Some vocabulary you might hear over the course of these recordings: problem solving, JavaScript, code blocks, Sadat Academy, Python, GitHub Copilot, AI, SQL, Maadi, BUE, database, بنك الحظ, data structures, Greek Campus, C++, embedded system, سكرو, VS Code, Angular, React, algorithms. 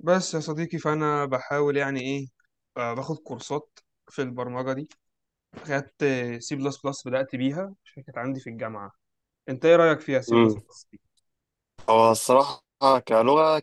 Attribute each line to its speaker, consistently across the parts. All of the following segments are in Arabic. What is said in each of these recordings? Speaker 1: بس يا صديقي فأنا بحاول يعني إيه، باخد كورسات في البرمجة دي. خدت سي بلس بلس، بدأت بيها عشان كانت عندي في الجامعة. أنت إيه رأيك فيها سي بلس
Speaker 2: امم
Speaker 1: بلس دي؟
Speaker 2: هو الصراحة، كلغة،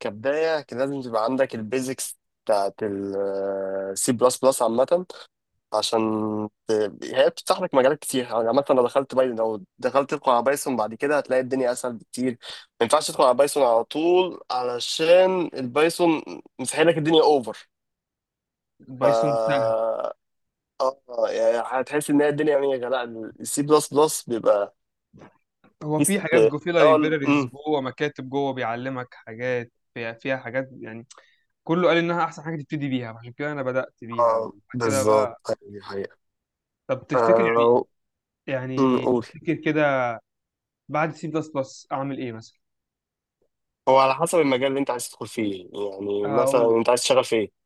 Speaker 2: كبداية كان لازم تبقى عندك البيزكس بتاعت السي بلس بلس عامة، عشان هي بتفتح لك مجالات كتير يعني. عامة لو دخلت تدخل على بايثون بعد كده هتلاقي الدنيا أسهل بكتير. ما ينفعش تدخل على بايثون على طول، علشان البايثون مسحيل لك الدنيا اوفر. ف
Speaker 1: البايثون سهل.
Speaker 2: اه يعني هتحس ان هي الدنيا، يعني لا، السي بلس بلس بيبقى
Speaker 1: هو
Speaker 2: في
Speaker 1: في حاجات
Speaker 2: است-
Speaker 1: جو، في
Speaker 2: الأول.
Speaker 1: لايبريريز جوه، مكاتب جوه بيعلمك حاجات، فيها حاجات يعني. كله قال إنها أحسن حاجة تبتدي بيها، عشان كده أنا بدأت بيها،
Speaker 2: اه،
Speaker 1: وبعد كده
Speaker 2: بالظبط.
Speaker 1: بقى
Speaker 2: هي
Speaker 1: طب تفتكر يعني،
Speaker 2: آه، قول.
Speaker 1: تفتكر كده بعد سي بلس بلس أعمل إيه مثلا؟
Speaker 2: هو على حسب المجال اللي انت عايز تدخل فيه، يعني مثلا
Speaker 1: أقول
Speaker 2: انت عايز تشتغل في ايه؟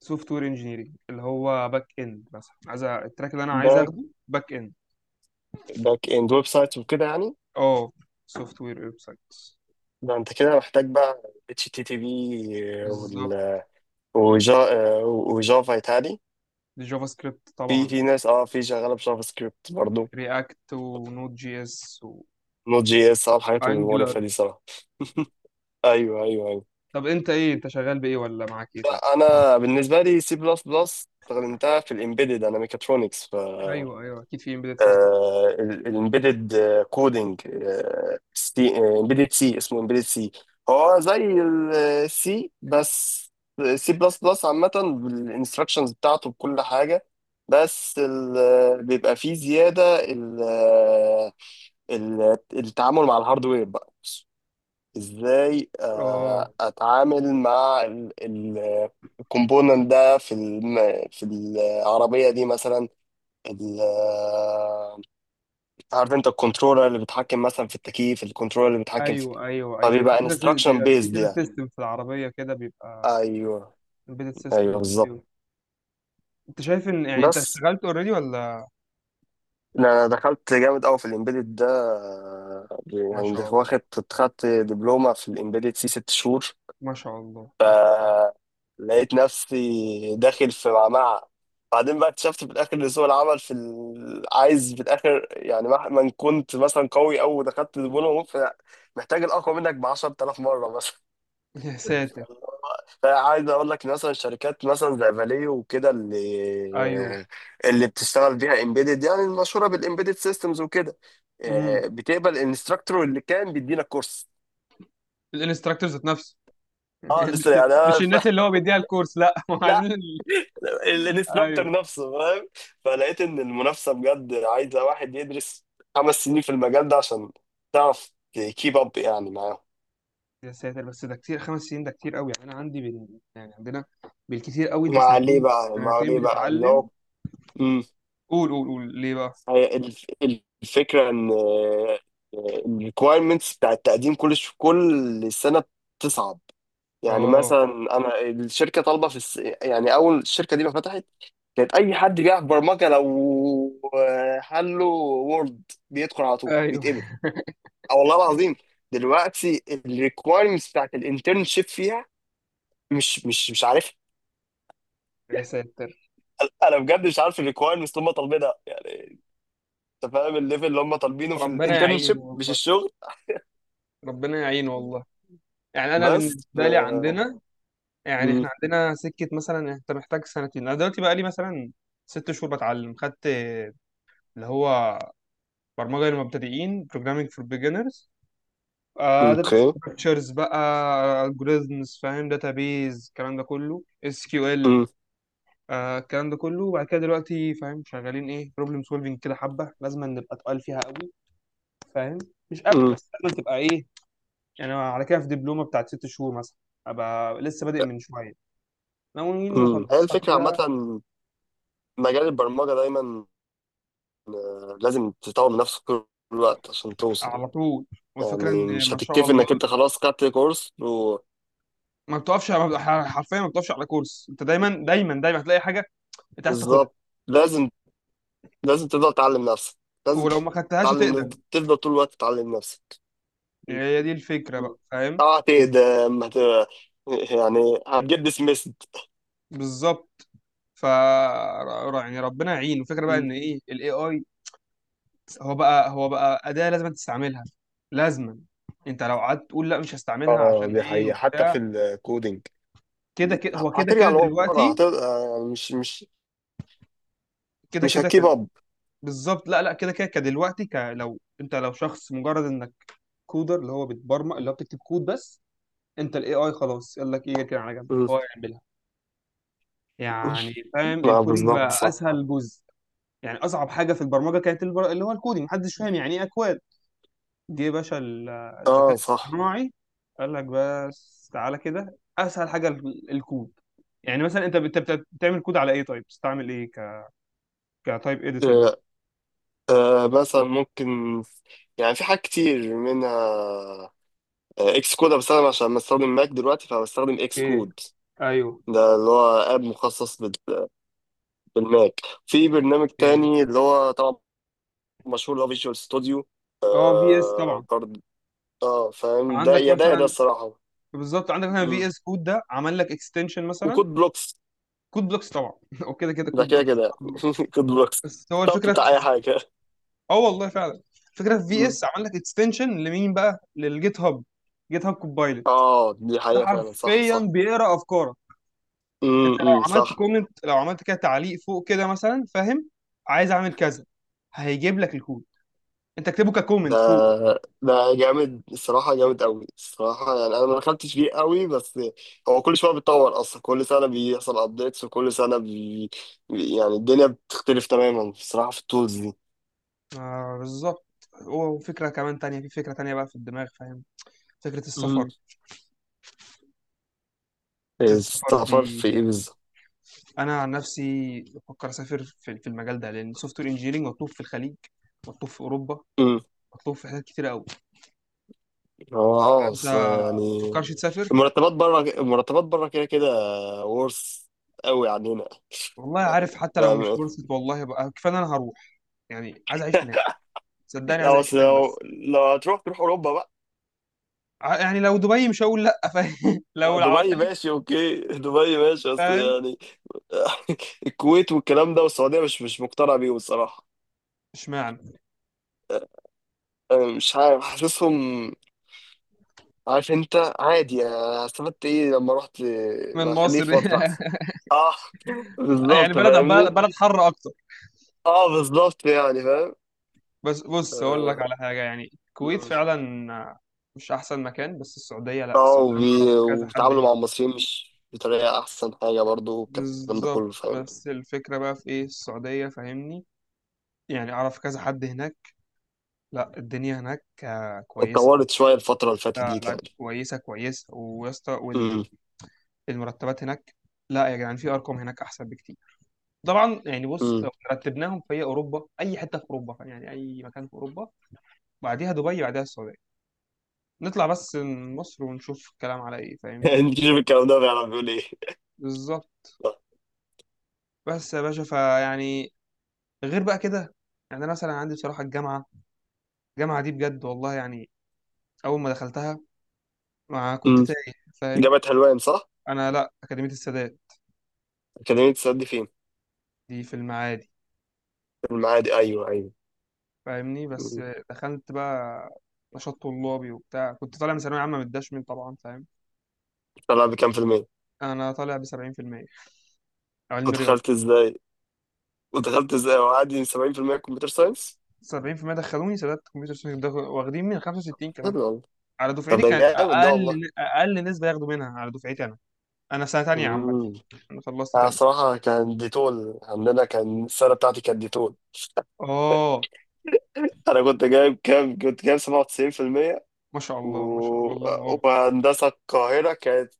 Speaker 1: سوفت وير انجينيرنج، اللي هو باك اند مثلا. عايز التراك اللي انا عايز
Speaker 2: باك
Speaker 1: اخده باك اند.
Speaker 2: باك اند ويب سايت وكده يعني.
Speaker 1: اه، سوفت وير، ويب سايتس.
Speaker 2: ده انت كده محتاج بقى اتش تي تي بي
Speaker 1: بالظبط.
Speaker 2: وال وجافا يتهيألي.
Speaker 1: جافا سكريبت
Speaker 2: في
Speaker 1: طبعا.
Speaker 2: في ناس، في شغاله بجافا سكريبت برضه.
Speaker 1: رياكت ونود جي اس.
Speaker 2: نوت جي اس، الحاجات
Speaker 1: وانجلر.
Speaker 2: المقرفه دي صراحه. ايوه، ايوه، ايوه.
Speaker 1: طب انت ايه، انت شغال بايه، ولا معاك ايه طيب؟
Speaker 2: لا، انا بالنسبه لي سي بلس بلس استخدمتها في الامبيدد، انا ميكاترونكس.
Speaker 1: ايوه ايوه، اكيد في امبيدد سيستم.
Speaker 2: الامبيدد كودنج، سي امبيدد، سي اسمه امبيدد سي. هو زي السي، بس سي بلس بلس عامة بالانستراكشنز بتاعته بكل حاجة. بس بيبقى فيه زيادة التعامل مع الهاردوير بقى. ازاي
Speaker 1: اه،
Speaker 2: اتعامل مع الكومبوننت ده في في العربية دي. مثلا عارف انت الكنترولر اللي بيتحكم مثلا في التكييف، الكنترولر اللي بيتحكم في،
Speaker 1: ايوه ايوه ايوه، في
Speaker 2: فبيبقى
Speaker 1: كذا
Speaker 2: انستراكشن
Speaker 1: بيبقى في
Speaker 2: بيزد
Speaker 1: كذا
Speaker 2: يعني.
Speaker 1: سيستم في العربيه كده، بيبقى
Speaker 2: ايوه،
Speaker 1: امبيدد
Speaker 2: ايوه،
Speaker 1: سيستم.
Speaker 2: بالظبط.
Speaker 1: انت شايف ان يعني انت
Speaker 2: بس
Speaker 1: اشتغلت اوريدي ولا؟
Speaker 2: لا، انا دخلت جامد قوي في الامبيدد ده،
Speaker 1: ما
Speaker 2: يعني ده
Speaker 1: شاء الله،
Speaker 2: واخد، خدت دبلومه في الامبيدد سي 6 شهور.
Speaker 1: ما شاء الله، ما شاء
Speaker 2: لقيت نفسي داخل في معمعة، بعدين بقى اكتشفت في الاخر ان سوق العمل عايز في الاخر، يعني مهما إن كنت مثلا قوي او دخلت دبلومه، ممكن محتاج الاقوى منك ب 10,000 مره مثلا.
Speaker 1: الله. يا ساتر.
Speaker 2: عايز اقول لك إن مثلا شركات مثلا زي فاليو وكده، اللي
Speaker 1: ايوه.
Speaker 2: اللي بتشتغل بيها امبيدد، يعني المشهوره بالامبيدد سيستمز وكده،
Speaker 1: امم.
Speaker 2: بتقبل الانستراكتور اللي كان بيدينا كورس.
Speaker 1: الانستراكتور ذات نفسه.
Speaker 2: اه،
Speaker 1: مش
Speaker 2: لسه يعني
Speaker 1: مش
Speaker 2: أنا.
Speaker 1: الناس اللي هو بيديها الكورس لا. ما هو
Speaker 2: لا،
Speaker 1: عايزين ايوه.
Speaker 2: الانستراكتور نفسه فاهم. فلقيت ان المنافسه بجد عايزه واحد يدرس 5 سنين في المجال ده عشان تعرف تكيب اب يعني معاهم.
Speaker 1: يا ساتر، بس ده كتير، 5 سنين ده كتير قوي يعني. انا عندي بال... يعني عندنا بالكتير قوي، انت
Speaker 2: مع ليه
Speaker 1: سنتين،
Speaker 2: بقى مع ليه بقى ان هو،
Speaker 1: بتتعلم. قول قول قول ليه بقى.
Speaker 2: هي الف- الفكرة إن الريكوايرمنتس بتاع التقديم كل سنة بتصعب. يعني
Speaker 1: اه.
Speaker 2: مثلا أنا الشركة طالبة يعني، أول الشركة دي ما فتحت كانت أي حد بيعرف برمجة، لو حله وورد بيدخل على طول
Speaker 1: ايوه.
Speaker 2: بيتقبل. أه والله العظيم. دلوقتي الريكوايرمنتس بتاعت الانترنشيب فيها، مش عارفها.
Speaker 1: يا ساتر.
Speaker 2: انا بجد مش عارف الريكوايرمنتس اللي هم طالبينها يعني. انت فاهم الليفل اللي هم طالبينه في
Speaker 1: ربنا يعين
Speaker 2: الانترنشيب، مش
Speaker 1: والله.
Speaker 2: الشغل.
Speaker 1: ربنا يعين والله. يعني انا
Speaker 2: بس
Speaker 1: بالنسبه لي عندنا، يعني
Speaker 2: مم،
Speaker 1: احنا عندنا سكه، مثلا انت محتاج سنتين. انا دلوقتي بقى لي مثلا 6 شهور بتعلم. خدت اللي هو برمجة للمبتدئين programming for beginners، اه داتا
Speaker 2: اوكي،
Speaker 1: ستراكشرز بقى، algorithms، فاهم، database، الكلام ده كله SQL،
Speaker 2: مم،
Speaker 1: آه الكلام ده كله. وبعد كده دلوقتي فاهم شغالين ايه، problem solving، كده حبة لازم نبقى تقال فيها قوي، فاهم، مش قوي
Speaker 2: مم.
Speaker 1: بس لازم تبقى ايه. يعني أنا على كده في دبلومة بتاعت 6 شهور مثلا، ابقى لسه بادئ من شوية، ناويين
Speaker 2: مم. هي
Speaker 1: نخلصها
Speaker 2: الفكرة عامة،
Speaker 1: كده.
Speaker 2: مجال البرمجة دايما لازم تطور من نفسك طول الوقت عشان توصل.
Speaker 1: على طول. والفكرة
Speaker 2: يعني
Speaker 1: ان
Speaker 2: مش
Speaker 1: ما شاء
Speaker 2: هتكتفي
Speaker 1: الله
Speaker 2: انك انت خلاص خدت كورس و...
Speaker 1: ما بتقفش، ما بت- حرفيا ما بتقفش على كورس. انت دايما دايما دايما هتلاقي حاجة انت عايز تاخدها،
Speaker 2: بالظبط. لازم لازم تفضل تعلم نفسك، لازم
Speaker 1: ولو ما خدتهاش
Speaker 2: تتعلم،
Speaker 1: هتقدم.
Speaker 2: تفضل طول الوقت تتعلم نفسك.
Speaker 1: يعني هي دي الفكرة
Speaker 2: مم.
Speaker 1: بقى، فاهم.
Speaker 2: طبعا هتقدم، يعني هتجيب ديسميسد.
Speaker 1: بالظبط. يعني ربنا يعين. الفكرة بقى ان ايه، الاي اي هو بقى أداة لازم تستعملها لازما. انت لو قعدت تقول لا مش هستعملها
Speaker 2: اه،
Speaker 1: عشان
Speaker 2: دي
Speaker 1: ايه
Speaker 2: حقيقة حتى
Speaker 1: وبتاع،
Speaker 2: في الكودينج.
Speaker 1: كده كده هو، كده
Speaker 2: هترجع
Speaker 1: كده
Speaker 2: لورا، هت...
Speaker 1: دلوقتي
Speaker 2: آه، مش مش
Speaker 1: كده
Speaker 2: مش
Speaker 1: كده
Speaker 2: هتكيب
Speaker 1: كان-
Speaker 2: اب.
Speaker 1: بالظبط. لا لا، كده كده كدلوقتي لو انت لو شخص مجرد انك كودر، اللي هو بتبرمج، اللي هو بتكتب كود بس، انت الاي اي خلاص يقول لك ايه كده على جنب،
Speaker 2: م.
Speaker 1: هو يعملها. يعني فاهم،
Speaker 2: ما
Speaker 1: الكودينج
Speaker 2: بالظبط
Speaker 1: بقى
Speaker 2: صح.
Speaker 1: اسهل جزء. يعني اصعب حاجه في البرمجه كانت اللي هو الكودينج، محدش فاهم يعني ايه اكواد. جه يا باشا الذكاء
Speaker 2: اه صح.
Speaker 1: الاصطناعي، قال لك بس تعالى كده اسهل حاجه الكود. يعني مثلا انت بتعمل كود على ايه، طيب بتستعمل ايه كتايب اديتور مثلا.
Speaker 2: آه مثلا ممكن، يعني في حاجات كتير منها. اكس كود، بس انا بستخدم عشان بستخدم ماك دلوقتي فبستخدم اكس
Speaker 1: اوكي.
Speaker 2: كود.
Speaker 1: ايوه.
Speaker 2: ده اللي هو اب مخصص بالماك. في برنامج
Speaker 1: ايه.
Speaker 2: تاني اللي هو طبعا مشهور، اللي هو فيجوال ستوديو.
Speaker 1: اه، في اس طبعا.
Speaker 2: برضه. اه، فاهم ده،
Speaker 1: عندك
Speaker 2: يا ده يا ده
Speaker 1: مثلا،
Speaker 2: الصراحة.
Speaker 1: بالظبط، عندك مثلا
Speaker 2: م.
Speaker 1: في اس كود ده عمل لك اكستنشن مثلا.
Speaker 2: وكود بلوكس.
Speaker 1: كود بلوكس طبعا. وكده كده
Speaker 2: ده
Speaker 1: كود
Speaker 2: كده
Speaker 1: بلوكس.
Speaker 2: كده كود بلوكس.
Speaker 1: بس هو
Speaker 2: طب
Speaker 1: الفكره.
Speaker 2: بتاع اي حاجه.
Speaker 1: اه والله فعلا، فكره في في
Speaker 2: مم.
Speaker 1: اس عمل لك اكستنشن لمين بقى، للجيت هاب. جيت هاب كوبايلوت
Speaker 2: اه، دي
Speaker 1: ده
Speaker 2: حقيقه فعلا، صح
Speaker 1: حرفيا
Speaker 2: صح.
Speaker 1: بيقرا افكارك. انت لو عملت
Speaker 2: صح.
Speaker 1: كومنت، لو عملت كده تعليق فوق كده مثلا، فاهم، عايز اعمل كذا، هيجيب لك الكود، انت اكتبه
Speaker 2: ده
Speaker 1: ككومنت فوق.
Speaker 2: ده جامد الصراحه، جامد قوي الصراحه. يعني انا ما دخلتش فيه قوي، بس هو كل شويه بيتطور اصلا، كل سنه بيحصل ابديتس، وكل سنه يعني الدنيا بتختلف تماما الصراحه في التولز دي.
Speaker 1: آه بالظبط. وفكره كمان تانية، في فكره تانية بقى في الدماغ، فاهم، فكره السفر.
Speaker 2: امم السفر
Speaker 1: دي
Speaker 2: في ايه بالظبط؟
Speaker 1: انا عن نفسي بفكر اسافر في المجال ده، لان سوفت وير انجينيرنج مطلوب في الخليج، مطلوب في اوروبا،
Speaker 2: امم
Speaker 1: مطلوب في حاجات كتير قوي.
Speaker 2: هو اه،
Speaker 1: انت
Speaker 2: بس يعني
Speaker 1: مفكرش تسافر؟
Speaker 2: المرتبات بره، المرتبات بره كده كده، ورث قوي عننا.
Speaker 1: والله عارف، حتى لو
Speaker 2: لا
Speaker 1: مش
Speaker 2: ماشي.
Speaker 1: فرصة والله بقى كفاية إن انا هروح. يعني عايز اعيش هناك، صدقني عايز
Speaker 2: يا،
Speaker 1: اعيش
Speaker 2: بس
Speaker 1: هناك
Speaker 2: لو
Speaker 1: بس.
Speaker 2: لو هتروح تروح اوروبا بقى.
Speaker 1: يعني لو دبي مش هقول لا، فاهم.
Speaker 2: آه،
Speaker 1: لو
Speaker 2: دبي
Speaker 1: الخليج
Speaker 2: ماشي اوكي. دبي ماشي، بس
Speaker 1: فاهم.
Speaker 2: يعني الكويت والكلام ده والسعوديه، مش مقتنع بيهم الصراحه.
Speaker 1: اشمعنى،
Speaker 2: أنا مش عارف، حاسسهم. عارف انت، عادي يعني، أنا استفدت ايه لما رحت؟
Speaker 1: من
Speaker 2: ما خليه
Speaker 1: مصر.
Speaker 2: في مصر احسن. اه،
Speaker 1: يعني
Speaker 2: بالظبط
Speaker 1: بلد بلد
Speaker 2: فاهمني.
Speaker 1: بلد حر اكتر.
Speaker 2: اه، بالظبط يعني فاهم.
Speaker 1: بس بص اقول لك
Speaker 2: اه
Speaker 1: على حاجة، يعني الكويت فعلا مش احسن مكان، بس السعودية لا، السعودية انا اعرف كذا حد
Speaker 2: وبيتعاملوا مع
Speaker 1: هناك.
Speaker 2: المصريين مش بطريقه احسن حاجه برضو، والكلام ده
Speaker 1: بالظبط.
Speaker 2: كله فاهم.
Speaker 1: بس الفكرة بقى في ايه السعودية، فاهمني، يعني اعرف كذا حد هناك. لا الدنيا هناك كويسة.
Speaker 2: اتطورت شوية الفترة اللي فاتت
Speaker 1: لا
Speaker 2: دي
Speaker 1: لا،
Speaker 2: تاني.
Speaker 1: كويسة كويسة ويا اسطى.
Speaker 2: امم
Speaker 1: والمرتبات هناك لا يا جدعان، في أرقام هناك أحسن بكتير طبعا. يعني بص لو
Speaker 2: امم
Speaker 1: رتبناهم، في أوروبا، أي حتة في أوروبا يعني أي مكان في أوروبا، بعديها دبي، بعديها السعودية. نطلع بس من مصر ونشوف الكلام على إيه، فاهمني.
Speaker 2: نجيب الكلام ده بيعرف يقول ايه.
Speaker 1: بالظبط. بس يا باشا فيعني، غير بقى كده، يعني أنا مثلا عندي بصراحة الجامعة. الجامعة دي بجد والله يعني، أول ما دخلتها ما كنت
Speaker 2: امم
Speaker 1: تايه، فاهم.
Speaker 2: جامعة حلوان صح؟
Speaker 1: أنا لا، أكاديمية السادات.
Speaker 2: أكاديمية السد دي فين؟
Speaker 1: دي في المعادي،
Speaker 2: في المعادي، أيوه أيوه.
Speaker 1: فاهمني بس.
Speaker 2: أمم.
Speaker 1: دخلت بقى نشاط طلابي وبتاع، كنت طالع من ثانوية عامة متدشمل طبعا، فاهم.
Speaker 2: طلع بكام في المية؟
Speaker 1: أنا طالع ب 70% علم رياضة.
Speaker 2: ودخلت ازاي؟ ودخلت ازاي؟ وعادي 70%؟ كمبيوتر ساينس؟
Speaker 1: 70% دخلوني سادات كمبيوتر ساينس ده، واخدين من 65 كمان
Speaker 2: حلو والله.
Speaker 1: على
Speaker 2: طب
Speaker 1: دفعتي.
Speaker 2: ده
Speaker 1: كانت
Speaker 2: جامد ده والله.
Speaker 1: أقل، أقل نسبة ياخدوا منها على دفعتي أنا. أنا سنة تانية عامة،
Speaker 2: امم
Speaker 1: أنا خلصت
Speaker 2: أنا
Speaker 1: تانية.
Speaker 2: صراحة كان ديتول عندنا، كان السنة بتاعتي كانت ديتول.
Speaker 1: آه،
Speaker 2: أنا كنت جايب كام؟ كنت جايب 97%.
Speaker 1: ما شاء الله، ما شاء الله،
Speaker 2: و-
Speaker 1: الله أكبر.
Speaker 2: وهندسة القاهرة كانت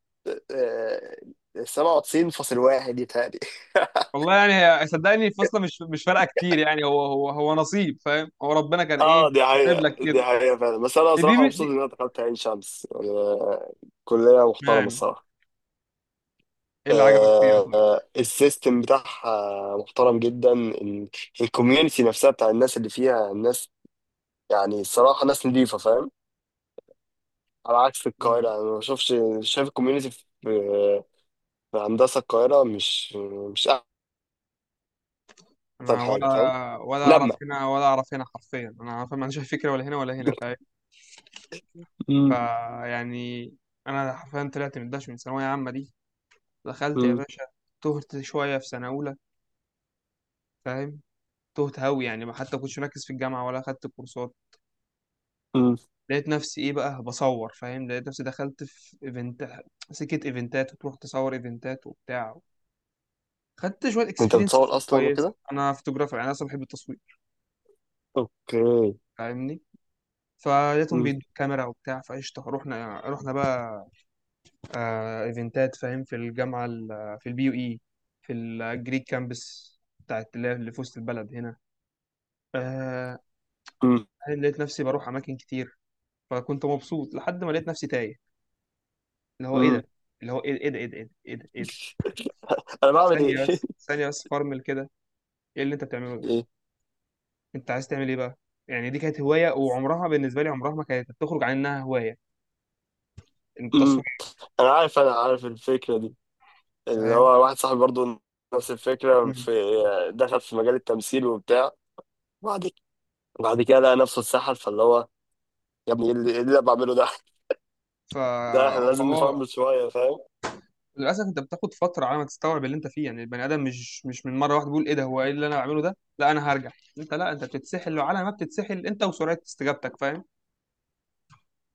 Speaker 2: 97.1 يتهيألي.
Speaker 1: والله يعني، صدقني الفصل مش فارقة كتير يعني، هو نصيب فاهم، هو ربنا كان
Speaker 2: اه،
Speaker 1: إيه
Speaker 2: دي
Speaker 1: كاتب
Speaker 2: حقيقة،
Speaker 1: لك
Speaker 2: دي
Speaker 1: كده.
Speaker 2: حقيقة فعلا. بس أنا صراحة
Speaker 1: دي
Speaker 2: مبسوط
Speaker 1: دي
Speaker 2: إن أنا دخلت عين شمس يعني، كلية محترمة
Speaker 1: يعني
Speaker 2: الصراحة.
Speaker 1: إيه اللي عجبك فيها طيب؟
Speaker 2: السيستم بتاعها محترم جدا. الكوميونتي نفسها بتاع الناس اللي فيها الناس، يعني الصراحة ناس نضيفة فاهم. على عكس
Speaker 1: نعم.
Speaker 2: القاهرة، أنا ما بشوفش شايف الكوميونتي في هندسة القاهرة مش أحسن
Speaker 1: انا ولا،
Speaker 2: حاجة فاهم.
Speaker 1: ولا اعرف
Speaker 2: لما،
Speaker 1: هنا ولا اعرف هنا حرفيا انا فاهم، ما عنديش أي فكره، ولا هنا ولا هنا، فاهم.
Speaker 2: مم.
Speaker 1: فيعني انا حرفيا طلعت من داش، من ثانويه عامه دي، دخلت يا
Speaker 2: مم.
Speaker 1: باشا، تهت شويه في سنه اولى، فاهم. تهت هوي يعني، ما حتى كنتش مركز في الجامعه ولا اخدت كورسات.
Speaker 2: مم.
Speaker 1: لقيت نفسي ايه بقى، بصور، فاهم، لقيت نفسي دخلت في ايفنت، سكه ايفنتات، وتروح تصور ايفنتات وبتاع. خدت شويه
Speaker 2: انت
Speaker 1: اكسبيرينس
Speaker 2: بتصور اصلا
Speaker 1: كويس،
Speaker 2: وكده،
Speaker 1: انا فوتوغرافر يعني، انا اصلا بحب التصوير،
Speaker 2: اوكي.
Speaker 1: فاهمني. فلقيتهم
Speaker 2: مم.
Speaker 1: بيدوا كاميرا وبتاع، فقشطه رحنا بقى ايفنتات فاهم في الجامعه، في البي يو اي، في الجريك كامبس بتاعت اللي هي اللي في وسط البلد هنا. آه.
Speaker 2: مم.
Speaker 1: لقيت نفسي بروح اماكن كتير، فكنت مبسوط لحد ما لقيت نفسي تايه، اللي هو ايه
Speaker 2: مم.
Speaker 1: ده، اللي هو ايه، ايه ده ايه ده ايه ده ايه ده إيه ده؟
Speaker 2: انا بعمل
Speaker 1: ثانيه
Speaker 2: ايه؟
Speaker 1: بس، ثانيه بس، فرمل كده، ايه اللي انت بتعمله ده،
Speaker 2: ايه.
Speaker 1: انت عايز تعمل ايه بقى. يعني دي كانت هوايه، وعمرها بالنسبه لي عمرها ما كانت تخرج عن انها هوايه،
Speaker 2: مم.
Speaker 1: التصوير،
Speaker 2: انا عارف الفكره دي، اللي
Speaker 1: فاهم.
Speaker 2: هو واحد صاحبي برضو، نفس الفكره
Speaker 1: مم.
Speaker 2: في، دخل في مجال التمثيل وبتاع، بعد بعد كده لقى نفسه اتسحل. فاللي هو يا ابني، ايه اللي إيه اللي انا بعمله ده.
Speaker 1: فا.
Speaker 2: لا احنا لازم
Speaker 1: اه.
Speaker 2: نفهم شويه فاهم.
Speaker 1: للاسف انت بتاخد فتره على ما تستوعب اللي انت فيه، يعني البني ادم مش من مره واحده بيقول ايه ده هو ايه اللي انا بعمله ده لا انا هرجع. انت لا، انت بتتسحل، وعلى ما بتتسحل انت وسرعه استجابتك، فاهم،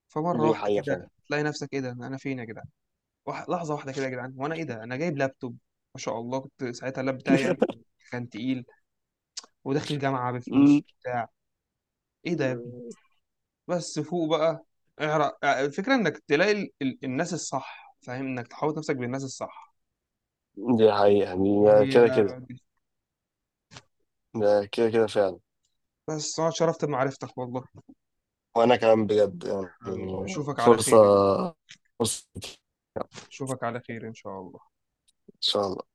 Speaker 1: فمره
Speaker 2: دي
Speaker 1: واحده
Speaker 2: حقيقه فاهم.
Speaker 1: كده تلاقي نفسك ايه ده انا فين يا جدعان. لحظه واحده كده يا جدعان، وانا ايه ده انا جايب لابتوب. ما شاء الله، كنت ساعتها اللاب بتاعي يعني كان تقيل، وداخل جامعه
Speaker 2: مم.
Speaker 1: بفلوس بتاع ايه ده يا ابني. بس فوق بقى، اعرق الفكره انك تلاقي الناس الصح، فاهم، انك تحاوط نفسك بالناس الصح.
Speaker 2: دي حقيقه يعني، ده
Speaker 1: هي
Speaker 2: كده كده ده كده كده فعلا.
Speaker 1: بس انا اتشرفت بمعرفتك والله.
Speaker 2: وانا كمان بجد يعني،
Speaker 1: حبيبي اشوفك على
Speaker 2: فرصة
Speaker 1: خير.
Speaker 2: فرصة ان
Speaker 1: اشوفك على خير ان شاء الله.
Speaker 2: شاء الله.